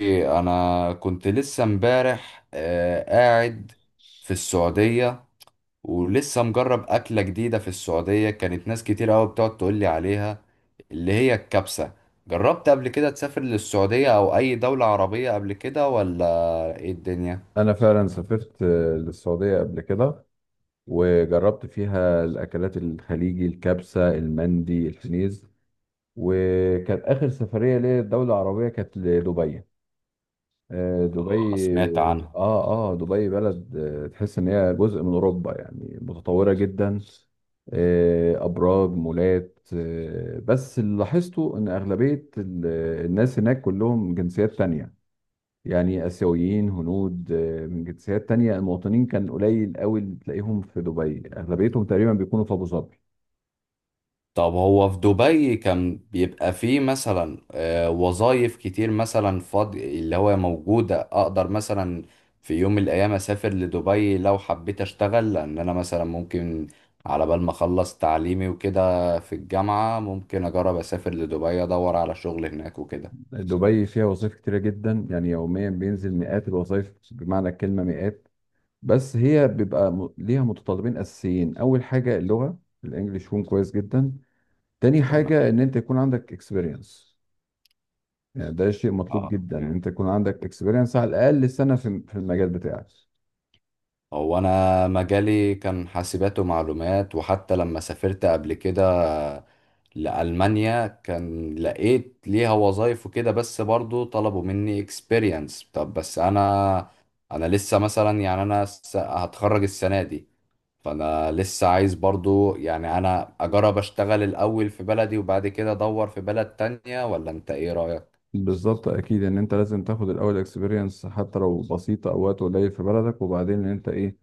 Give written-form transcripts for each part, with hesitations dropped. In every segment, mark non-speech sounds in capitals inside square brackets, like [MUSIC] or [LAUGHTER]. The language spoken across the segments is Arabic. إيه، انا كنت لسه امبارح قاعد في السعودية. ولسه مجرب اكلة جديدة في السعودية، كانت ناس كتير قوي بتقعد تقول لي عليها، اللي هي الكبسة. جربت قبل كده تسافر للسعودية او اي دولة عربية قبل كده ولا ايه الدنيا؟ انا فعلا سافرت للسعوديه قبل كده، وجربت فيها الاكلات الخليجي الكبسه المندي الحنيذ. وكانت اخر سفريه ليا دوله عربيه كانت لدبي. دبي. سمعت عنها. اه اه، دبي بلد تحس ان هي جزء من اوروبا، يعني متطوره جدا، ابراج مولات. بس اللي لاحظته ان اغلبيه الناس هناك كلهم جنسيات تانية، يعني آسيويين هنود، من جنسيات تانية. المواطنين كان قليل قوي اللي تلاقيهم في دبي، أغلبيتهم تقريبا بيكونوا في أبو ظبي. طب هو في دبي كان بيبقى فيه مثلا وظائف كتير مثلا فاضي اللي هو موجودة، أقدر مثلا في يوم من الأيام أسافر لدبي لو حبيت أشتغل، لأن أنا مثلا ممكن على بال ما أخلص تعليمي وكده في الجامعة ممكن أجرب أسافر لدبي أدور على شغل هناك وكده. دبي فيها وظائف كتيرة جدا، يعني يوميا بينزل مئات الوظائف، بمعنى الكلمة مئات. بس هي بيبقى ليها متطلبين أساسيين، أول حاجة اللغة الإنجليش يكون كويس جدا. تاني تمام. حاجة إن أنت يكون عندك اكسبيرينس. يعني ده شيء مطلوب اه جدا، إن تمام. أنت يكون عندك اكسبيرينس على الأقل سنة في المجال بتاعك. هو أنا مجالي كان حاسبات ومعلومات، وحتى لما سافرت قبل كده لألمانيا كان لقيت ليها وظايف وكده، بس برضو طلبوا مني experience. طب بس أنا لسه مثلا، يعني أنا هتخرج السنة دي. فأنا لسه عايز برضو، يعني أنا أجرب أشتغل الأول في بلدي وبعد كده أدور في بلد تانية، ولا أنت إيه رأيك؟ بالظبط، اكيد ان انت لازم تاخد الاول اكسبيرينس حتى لو بسيطه او وقت قليل في بلدك، وبعدين ان انت ايه،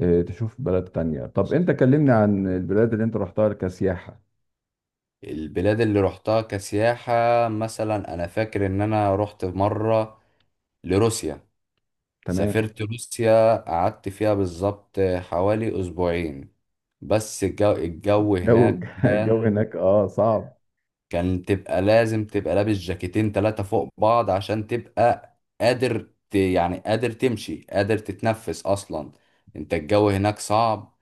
تشوف بلد تانية. طب انت كلمني عن البلاد اللي انت رحتها كسياحه. البلاد اللي روحتها كسياحة، مثلا أنا فاكر إن أنا روحت مرة لروسيا. تمام. سافرت روسيا، قعدت فيها بالظبط حوالي أسبوعين. بس الجو جو هناك [LAUGHS] الجو كان هناك اه صعب. كان تبقى لازم تبقى لابس جاكيتين تلاتة فوق بعض عشان تبقى قادر يعني قادر تمشي قادر تتنفس أصلا. انت الجو هناك صعب،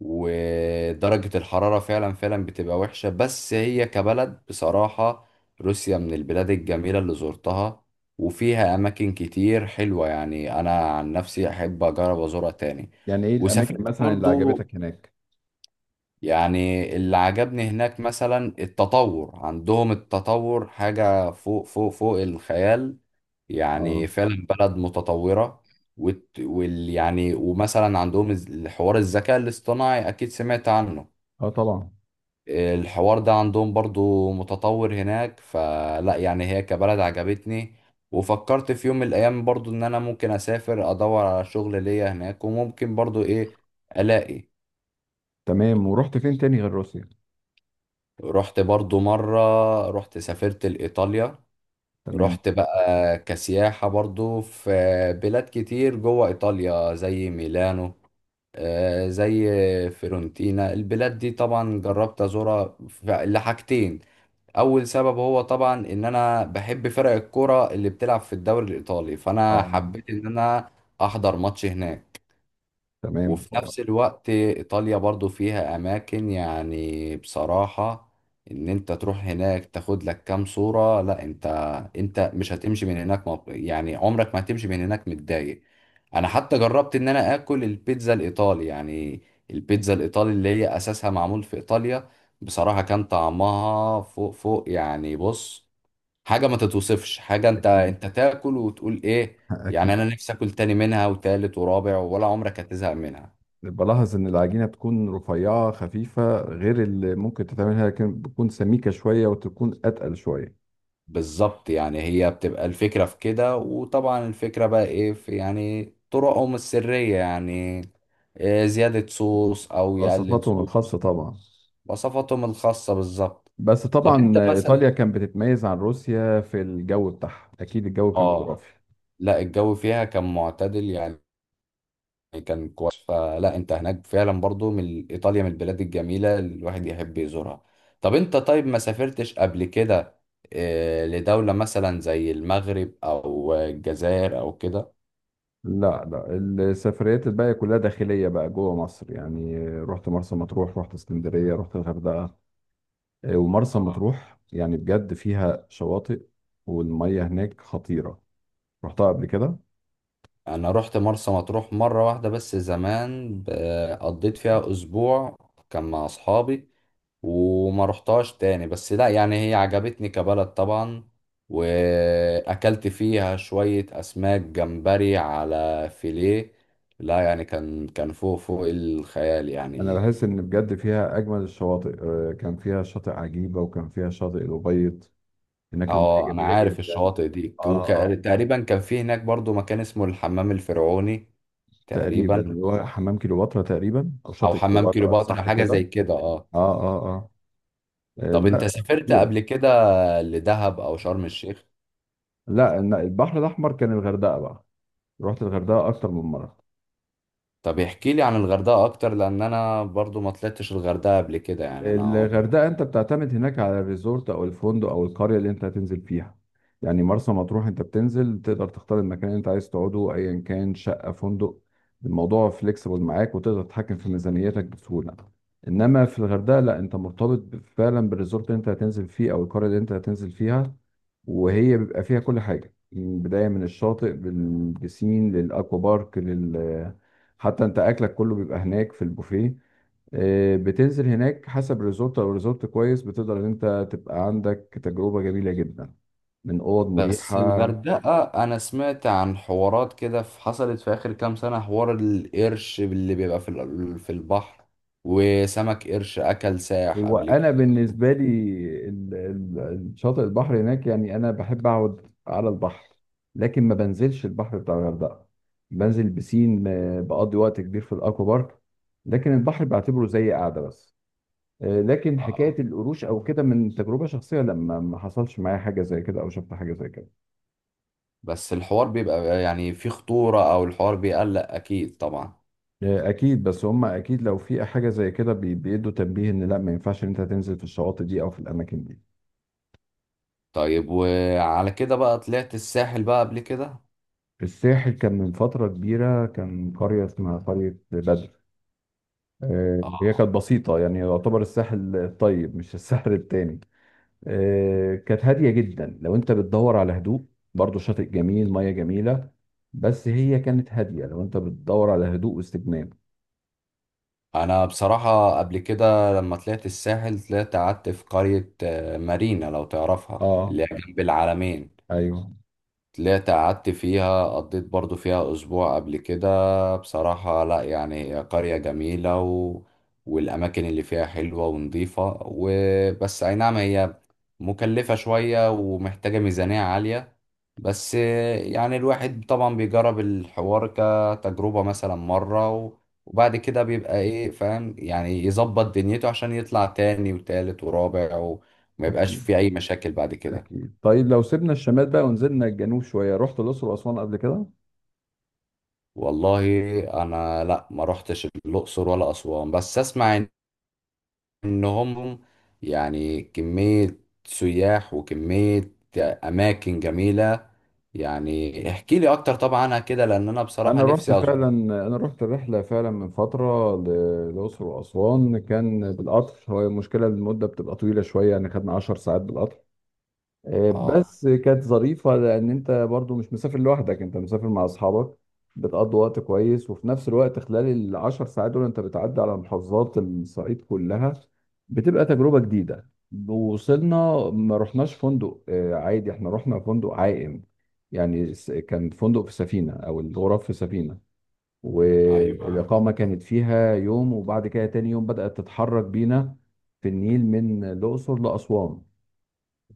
ودرجة الحرارة فعلا فعلا بتبقى وحشة. بس هي كبلد، بصراحة روسيا من البلاد الجميلة اللي زرتها، وفيها أماكن كتير حلوة. يعني أنا عن نفسي أحب أجرب أزورها تاني. يعني ايه وسافرت الاماكن مثلا اللي برضو. عجبتك هناك؟ يعني اللي عجبني هناك مثلا التطور عندهم، التطور حاجة فوق فوق فوق الخيال، يعني اه. فعلا بلد متطورة. وت- وال يعني ومثلا عندهم الحوار الذكاء الاصطناعي، أكيد سمعت عنه. اه طبعا. الحوار ده عندهم برضو متطور هناك، فلا يعني هي كبلد عجبتني. وفكرت في يوم من الايام برضو ان انا ممكن اسافر ادور على شغل ليا هناك، وممكن برضو ايه، الاقي. تمام، ورحت فين تاني غير روسيا؟ رحت برضو مرة، رحت سافرت لإيطاليا. تمام. رحت بقى كسياحة برضو في بلاد كتير جوه إيطاليا، زي ميلانو، زي فيرونتينا. البلاد دي طبعا جربت أزورها لحاجتين. اول سبب هو طبعا ان انا بحب فرق الكوره اللي بتلعب في الدوري الايطالي، فانا اه حبيت ان انا احضر ماتش هناك. تمام. وفي نفس الوقت إيطاليا برضو فيها أماكن، يعني بصراحة، إن أنت تروح هناك تاخد لك كام صورة. لا أنت مش هتمشي من هناك، يعني عمرك ما هتمشي من هناك متضايق. أنا حتى جربت إن أنا آكل البيتزا الإيطالي، يعني البيتزا الإيطالي اللي هي أساسها معمول في إيطاليا. بصراحة كان طعمها فوق فوق، يعني بص، حاجة ما تتوصفش. حاجة أنت اكيد. أنت تاكل وتقول إيه. [LAUGHS] يعني اكيد. أنا نفسي آكل تاني منها وتالت ورابع، ولا عمرك هتزهق منها. بلاحظ ان العجينه بتكون رفيعه خفيفه، غير اللي ممكن تتعملها لكن بتكون سميكه شويه وتكون اتقل شويه. بالظبط، يعني هي بتبقى الفكرة في كده، وطبعا الفكرة بقى ايه في، يعني طرقهم السرية، يعني إيه، زيادة صوص او يقلل استثماراتهم الخاصة صوص. طبعا. وصفاتهم الخاصة بالظبط. بس طب طبعا انت مثلا، إيطاليا كانت بتتميز عن روسيا في الجو بتاعها، أكيد الجو كان اه، خرافي. لا الجو فيها كان معتدل، يعني كان كويس. فلا انت هناك فعلا برضو، من ايطاليا من البلاد الجميلة اللي الواحد يحب يزورها. طب انت طيب ما سافرتش قبل كده إيه لدولة مثلا زي المغرب او الجزائر او كده؟ لا لا، السفريات الباقية كلها داخلية بقى جوه مصر، يعني رحت مرسى مطروح، رحت اسكندرية، رحت الغردقة. ومرسى مطروح يعني بجد فيها شواطئ والمية هناك خطيرة، رحتها قبل كده. انا رحت مرسى مطروح مره واحده بس زمان، قضيت فيها اسبوع، كان مع اصحابي. وما رحتهاش تاني، بس لا يعني هي عجبتني كبلد طبعا، واكلت فيها شويه اسماك جمبري على فيليه. لا يعني كان فوق فوق الخيال أنا يعني. بحس إن بجد فيها أجمل الشواطئ، كان فيها شاطئ عجيبة وكان فيها شاطئ الأبيض، هناك المية اه انا جميلة عارف جدا. الشواطئ دي، اه آه. وتقريبا كان في هناك برضو مكان اسمه الحمام الفرعوني تقريبا. تقريبا، اللي هو حمام كليوباترا تقريبا او او شاطئ حمام كليوباترا، كليوباترا، صح حاجه كده؟ زي كده، اه. اه اه اه. طب انت لا سافرت خطيره. قبل كده لدهب او شرم الشيخ؟ لا، إن البحر الاحمر كان الغردقه بقى، رحت الغردقه اكتر من مره. طب احكي لي عن الغردقة اكتر، لان انا برضو ما طلعتش الغردقة قبل كده، يعني انا عمري. الغردقة انت بتعتمد هناك على الريزورت او الفندق او القرية اللي انت هتنزل فيها. يعني مرسى مطروح انت بتنزل تقدر تختار المكان اللي انت عايز تقعده ايا كان شقة فندق، الموضوع فليكسيبل معاك وتقدر تتحكم في ميزانيتك بسهولة. انما في الغردقة لا، انت مرتبط فعلا بالريزورت اللي انت هتنزل فيه او القرية اللي انت هتنزل فيها. وهي بيبقى فيها كل حاجة من بداية من الشاطئ بالبسين للاكوا بارك حتى انت اكلك كله بيبقى هناك في البوفيه. بتنزل هناك حسب ريزورت، لو ريزورت كويس بتقدر ان انت تبقى عندك تجربة جميلة جدا، من اوض بس مريحة. الغردقة، انا سمعت عن حوارات كده حصلت في اخر كام سنة، حوار القرش اللي بيبقى في البحر، وسمك قرش اكل ساح هو قبل انا كده. بالنسبة لي ال- ال- الشاطئ البحر هناك، يعني انا بحب اقعد على البحر لكن ما بنزلش البحر بتاع الغردقة. بنزل بسين، بقضي وقت كبير في الاكوا بارك، لكن البحر بعتبره زي قاعدة بس. لكن حكاية آه. القروش او كده من تجربة شخصية، لما ما حصلش معايا حاجة زي كده او شفت حاجة زي كده. بس الحوار بيبقى يعني فيه خطورة، او الحوار بيقلق، اكيد طبعا. اكيد، بس هم اكيد لو في حاجه زي كده بيدوا تنبيه ان لا ما ينفعش ان انت تنزل في الشواطئ دي او في الاماكن دي. طيب وعلى كده بقى طلعت الساحل بقى قبل كده؟ في الساحل كان من فتره كبيره كان قريه اسمها قريه بدر، هي اه. كانت بسيطه، يعني يعتبر الساحل الطيب مش الساحل التاني. كانت هاديه جدا لو انت بتدور على هدوء، برضو شاطئ جميل ميه جميله. بس هي كانت هاديه لو انت بتدور على هدوء واستجمام. انا بصراحة قبل كده لما طلعت الساحل، طلعت قعدت في قرية مارينا، لو تعرفها، اه. اللي هي جنب العلمين. ايوه. طلعت قعدت فيها، قضيت برضو فيها أسبوع قبل كده. بصراحة لا، يعني هي قرية جميلة والأماكن اللي فيها حلوة ونظيفة. وبس أي نعم، هي مكلفة شوية ومحتاجة ميزانية عالية. بس يعني الواحد طبعا بيجرب الحوار كتجربة مثلا مرة، وبعد كده بيبقى إيه، فاهم، يعني يظبط دنيته عشان يطلع تاني وتالت ورابع وما يبقاش اكيد، في أي مشاكل بعد كده. أكيد. طيب لو سيبنا الشمال بقى ونزلنا الجنوب شوية، رحت الأقصر وأسوان قبل كده؟ والله انا لا، ما روحتش الاقصر ولا اسوان، بس اسمع ان هم، يعني كمية سياح وكمية اماكن جميلة. يعني احكي لي اكتر طبعا عنها كده، لان انا بصراحة أنا رحت نفسي فعلا. ازور. أنا رحت الرحلة فعلا من للأقصر وأسوان، كان بالقطر، هو المشكلة المدة بتبقى طويلة شوية، يعني خدنا 10 ساعات بالقطر. اه. بس كانت ظريفة لأن أنت برضو مش مسافر لوحدك، أنت مسافر مع أصحابك، بتقضي وقت كويس. وفي نفس الوقت خلال العشر ساعات دول أنت بتعدي على محافظات الصعيد كلها، بتبقى تجربة جديدة. وصلنا، ما رحناش فندق عادي، احنا رحنا فندق عائم، يعني كان فندق في سفينة، أو الغرف في سفينة، ايوه. والإقامة كانت فيها يوم وبعد كده تاني يوم بدأت تتحرك بينا في النيل من الأقصر لأسوان.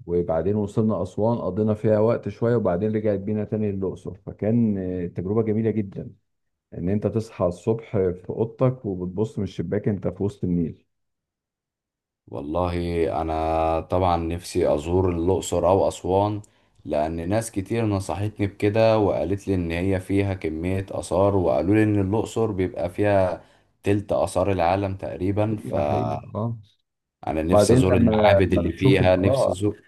وبعدين وصلنا أسوان قضينا فيها وقت شوية، وبعدين رجعت بينا تاني للأقصر، فكان تجربة جميلة جدا إن أنت تصحى الصبح في أوضتك وبتبص من الشباك أنت في وسط النيل. والله انا طبعا نفسي ازور الاقصر او اسوان، لان ناس كتير نصحتني بكده، وقالت لي ان هي فيها كمية اثار، وقالوا لي ان الاقصر بيبقى فيها تلت اثار العالم تقريبا، حقيقة حقيقة فانا اه. نفسي بعدين ازور لما المعابد لما اللي بتشوف فيها، ال- نفسي اه ازور.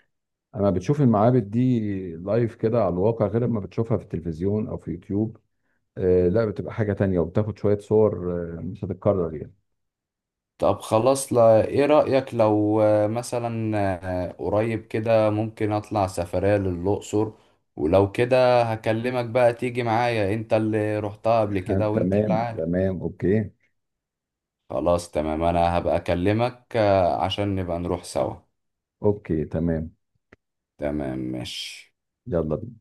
لما بتشوف المعابد دي لايف كده على الواقع، غير لما بتشوفها في التلفزيون أو في يوتيوب. آه لا، بتبقى حاجة تانية، وبتاخد شوية صور، مش هتتكرر يعني. طب خلاص، لا ايه رأيك لو مثلا قريب كده ممكن اطلع سفرية للاقصر؟ ولو كده هكلمك بقى تيجي معايا، انت اللي رحتها قبل كده [LAUGHS] وانت اللي تمام عارف. تمام، أوكي. خلاص تمام، انا هبقى اكلمك عشان نبقى نروح سوا. أوكي تمام، تمام ماشي. يلا.